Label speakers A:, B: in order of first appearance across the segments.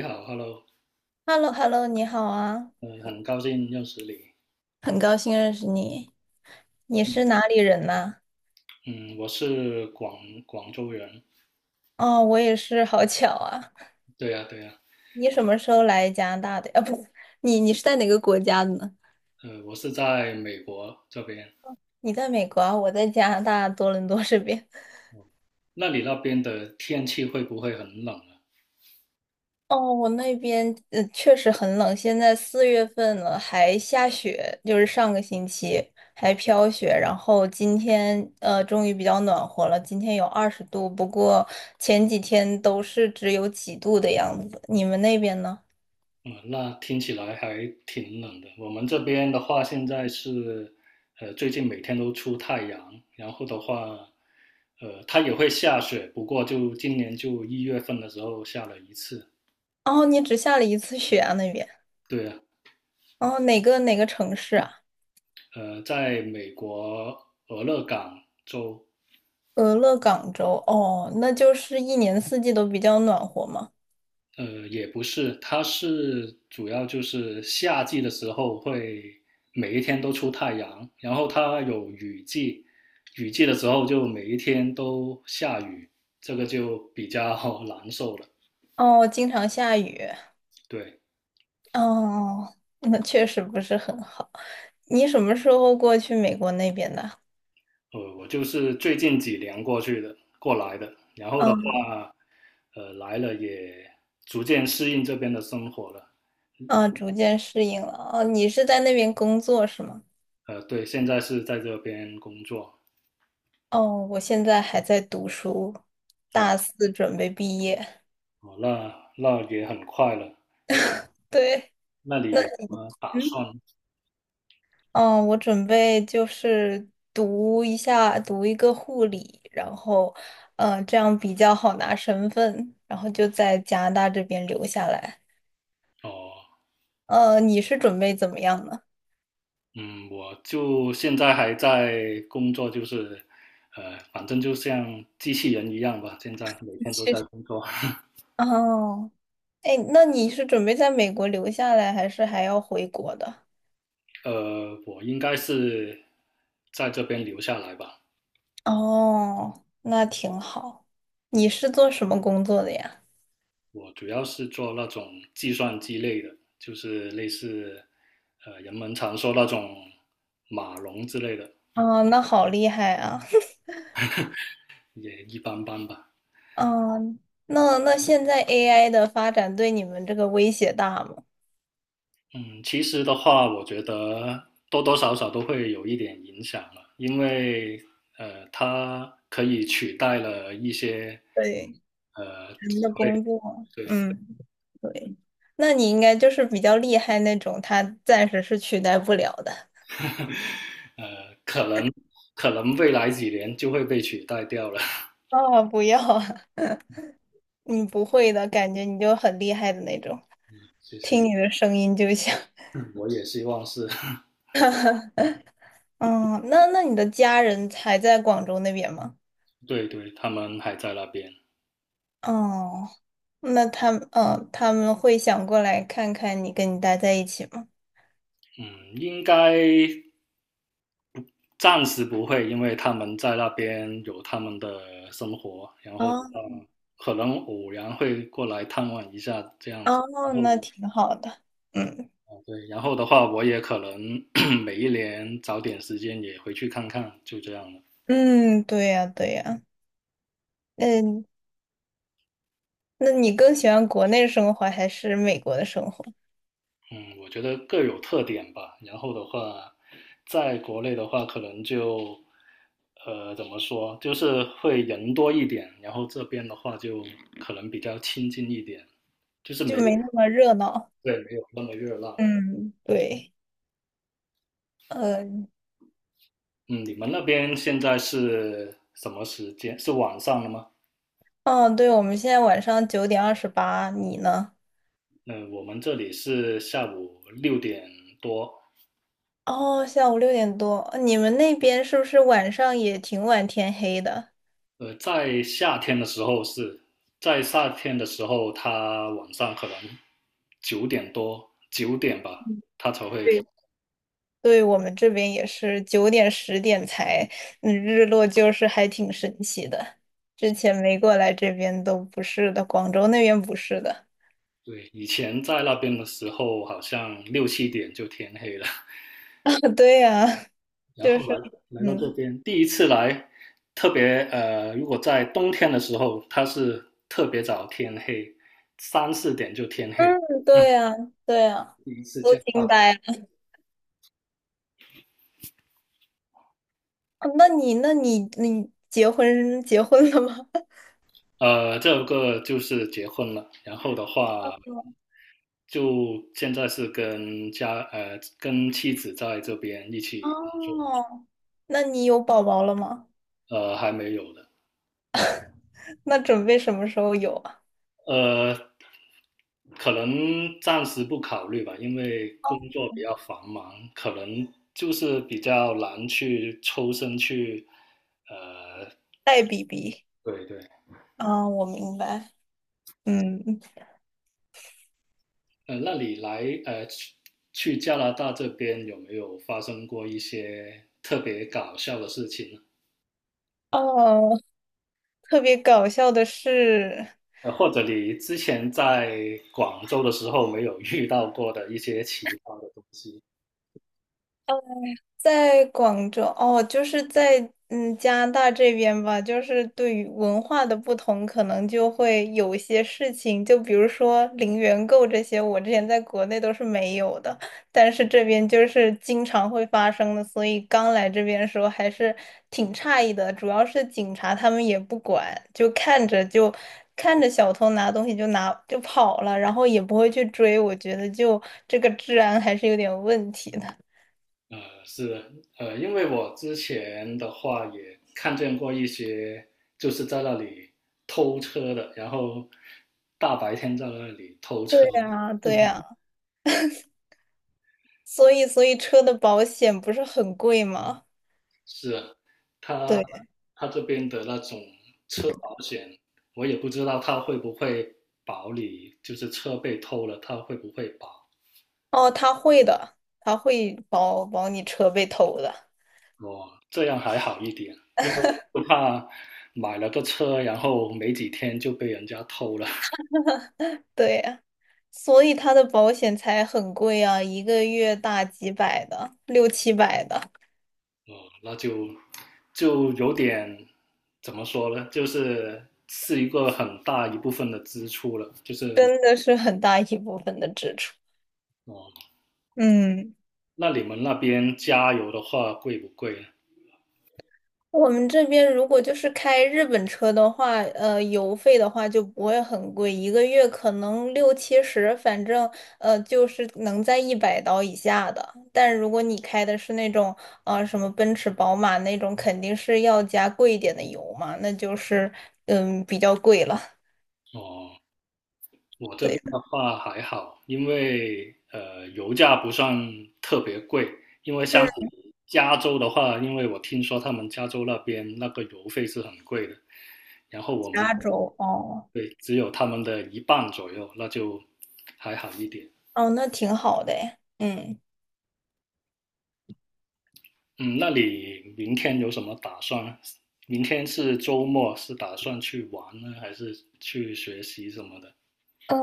A: 你好，Hello，
B: h e l l o Hello 你好啊，
A: 嗯，很高兴认识你。
B: 很高兴认识你。你是
A: 嗯
B: 哪里人呐？
A: 嗯，我是广州人。
B: 哦，我也是，好巧啊。
A: 对呀，对呀。
B: 你什么时候来加拿大的？啊，不。你是在哪个国家的呢？
A: 我是在美国这边。
B: 你在美国啊，我在加拿大多伦多这边。
A: 那你那边的天气会不会很冷啊？
B: 哦，我那边确实很冷，现在4月份了，还下雪，就是上个星期还飘雪，然后今天终于比较暖和了，今天有20度，不过前几天都是只有几度的样子。你们那边呢？
A: 嗯，那听起来还挺冷的。我们这边的话，现在是，最近每天都出太阳，然后的话，它也会下雪，不过就今年就1月份的时候下了一次。
B: 哦，你只下了一次雪啊那边。
A: 对呀。
B: 哦，哪个城市啊？
A: 在美国俄勒冈州。
B: 俄勒冈州。哦，那就是一年四季都比较暖和嘛。
A: 也不是，它是主要就是夏季的时候会每一天都出太阳，然后它有雨季，雨季的时候就每一天都下雨，这个就比较 难受了。
B: 哦，经常下雨。
A: 对。
B: 哦，那确实不是很好。你什么时候过去美国那边的？
A: 我就是最近几年过去的，过来的，然后的
B: 嗯。
A: 话，来了也逐渐适应这边的生活了。
B: 啊，逐渐适应了。哦，你是在那边工作是吗？
A: 对，现在是在这边工作。
B: 哦，我现在还在读书，大四准备毕业。
A: 哦，那也很快了。
B: 对。
A: 那你
B: 那。
A: 有什么打算？
B: 嗯。嗯，我准备就是读一下，读一个护理，然后，嗯，这样比较好拿身份，然后就在加拿大这边留下来。
A: 哦，
B: 你是准备怎么样呢？
A: 嗯，我就现在还在工作，就是，反正就像机器人一样吧，现在每 天都
B: 其
A: 在
B: 去。
A: 工作。
B: 哦。哎，那你是准备在美国留下来，还是还要回国的？
A: 我应该是在这边留下来吧。
B: 哦，那挺好。你是做什么工作的呀？
A: 我主要是做那种计算机类的，就是类似，人们常说那种码农之类的，
B: 哦，那好厉害啊！
A: 也一般般吧。
B: 嗯，那现在 AI 的发展对你们这个威胁大吗？
A: 嗯，其实的话，我觉得多多少少都会有一点影响了，因为它可以取代了一些
B: 对。
A: 职
B: 人的
A: 位。
B: 工作，
A: 对。
B: 嗯，对，那你应该就是比较厉害那种，他暂时是取代不了的。
A: 呃，可能可能未来几年就会被取代掉了。
B: 啊，不要啊，你不会的感觉，你就很厉害的那种，
A: 谢谢。
B: 听你的声音就像。
A: 嗯，我也希望是。
B: 嗯，那你的家人还在广州那边吗？
A: 对对，他们还在那边。
B: 哦，那他们，嗯，他们会想过来看看你，跟你待在一起吗？
A: 嗯，应该暂时不会，因为他们在那边有他们的生活，然后
B: 哦。
A: 可能偶然会过来探望一下这样子。
B: 哦，
A: 然后
B: 那挺好的。嗯。
A: 对，然后的话，我也可能 每一年找点时间也回去看看，就这样了。
B: 嗯，对呀对呀，嗯，那你更喜欢国内生活还是美国的生活？
A: 嗯，我觉得各有特点吧。然后的话，在国内的话，可能就怎么说，就是会人多一点，然后这边的话就可能比较亲近一点。
B: 就没那么热闹。
A: 对，没有那么热闹。
B: 嗯，对。嗯。
A: 嗯，你们那边现在是什么时间？是晚上了吗？
B: 哦，对，我们现在晚上9:28，你呢？
A: 嗯，我们这里是下午6点多。
B: 哦，下午六点多，你们那边是不是晚上也挺晚天黑的？
A: 呃，在夏天的时候是，在夏天的时候，它晚上可能9点多、9点吧，
B: 嗯，
A: 它才会天。
B: 对。对，我们这边也是九点十点才，嗯，日落就是还挺神奇的。之前没过来这边都不是的，广州那边不是的。
A: 对，以前在那边的时候，好像6、7点就天黑了。
B: 对呀，
A: 然
B: 就
A: 后
B: 是，
A: 来到这
B: 嗯。
A: 边，第一次来，特别呃，如果在冬天的时候，它是特别早天黑，3、4点就天黑。
B: 嗯，
A: 嗯，
B: 对呀，对呀，
A: 第一次
B: 都
A: 见
B: 惊
A: 到。
B: 呆了。那你，那你，你结婚了吗？
A: 这个就是结婚了，然后的话，就现在是跟妻子在这边一起。
B: 哦，那你有宝宝了吗？
A: 还没有的。
B: 那准备什么时候有啊？
A: 呃，可能暂时不考虑吧，因为工
B: 哦，
A: 作比较繁忙，可能就是比较难去抽身去。呃，
B: 带 BB。
A: 对对。
B: 啊，我明白。嗯。
A: 那你去加拿大这边有没有发生过一些特别搞笑的事情呢？
B: 哦，特别搞笑的是。
A: 或者你之前在广州的时候没有遇到过的一些奇葩的东西？
B: 在广州哦，就是在加拿大这边吧，就是对于文化的不同，可能就会有一些事情，就比如说零元购这些，我之前在国内都是没有的，但是这边就是经常会发生的，所以刚来这边的时候还是挺诧异的，主要是警察他们也不管，就看着小偷拿东西就拿就跑了，然后也不会去追，我觉得就这个治安还是有点问题的。
A: 呃，是的。因为我之前的话也看见过一些，就是在那里偷车的，然后大白天在那里偷
B: 对
A: 车。
B: 呀，对呀。所以车的保险不是很贵吗？
A: 是啊，他
B: 对。
A: 他这边的那种车保险，我也不知道他会不会保你，就是车被偷了，他会不会保？
B: 哦，他会的，他会保你车被偷的。
A: 哦，这样还好一点，因为我就怕买了个车，然后没几天就被人家偷了。
B: 对呀，所以他的保险才很贵啊，一个月大几百的，六七百的，
A: 哦，那就有点怎么说呢？就是一个很大一部分的支出了。就是
B: 真的是很大一部分的支出。
A: 哦，
B: 嗯。
A: 那你们那边加油的话贵不贵呢？
B: 我们这边如果就是开日本车的话，油费的话就不会很贵，一个月可能六七十，反正就是能在100刀以下的。但如果你开的是那种什么奔驰、宝马那种，肯定是要加贵一点的油嘛，那就是比较贵了。
A: 哦，我这
B: 对
A: 边
B: 的。
A: 的话还好，因为油价不算特别贵。
B: 嗯，
A: 加州的话，因为我听说他们加州那边那个油费是很贵的，然后我们，
B: 加州哦。
A: 对，只有他们的一半左右，那就还好一点。
B: 哦，那挺好的诶，嗯。
A: 嗯，那你明天有什么打算？明天是周末，是打算去玩呢，还是去学习什么的？
B: 嗯，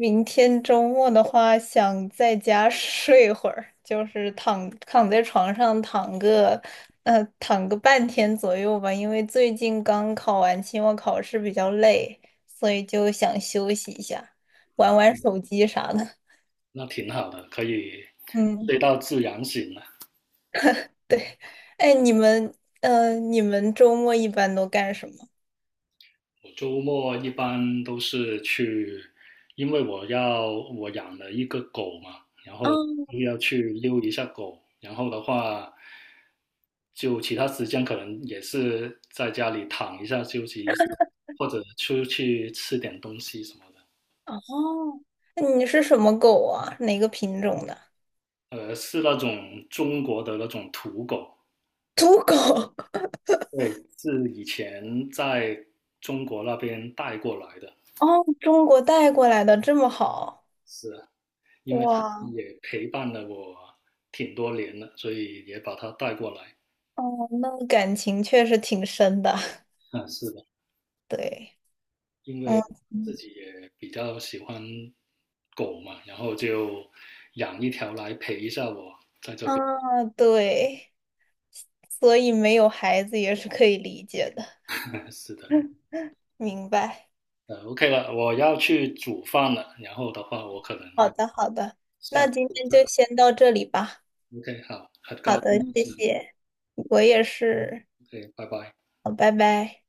B: 明天周末的话，想在家睡会儿，就是躺躺在床上躺个，躺个半天左右吧。因为最近刚考完期末考试，比较累，所以就想休息一下，玩玩手机啥的。
A: 那挺好的，可以
B: 嗯，
A: 睡到自然醒了。
B: 对。哎，你们，你们周末一般都干什么？
A: 我周末一般都是去，因为我养了一个狗嘛，然后
B: 嗯。
A: 又要去溜一下狗，然后的话，就其他时间可能也是在家里躺一下休息一下，或者出去吃点东西什么的。
B: 哦，那你是什么狗啊？哪个品种的？
A: 是那种中国的那种土狗。
B: 土狗。
A: 对，是以前在中国那边带过来的。
B: 哦，中国带过来的这么好，
A: 是啊，因为它
B: 哇。
A: 也陪伴了我挺多年了，所以也把它带过来。
B: 哦，那感情确实挺深的，
A: 啊，是的，
B: 对。
A: 因
B: 嗯。
A: 为自
B: 嗯
A: 己也比较喜欢狗嘛，然后就养一条来陪一下我在这边。
B: 啊，对，所以没有孩子也是可以理解的，
A: 是的。
B: 明白。
A: OK 了，我要去煮饭了，然后的话我可能
B: 好
A: 要
B: 的，好的，
A: 下一
B: 那今
A: 次
B: 天
A: 再
B: 就
A: 来。
B: 先到这里吧。
A: OK，好，很
B: 好
A: 高兴
B: 的，
A: 认
B: 谢
A: 识你
B: 谢，我也是，
A: OK，拜拜。
B: 好，拜拜。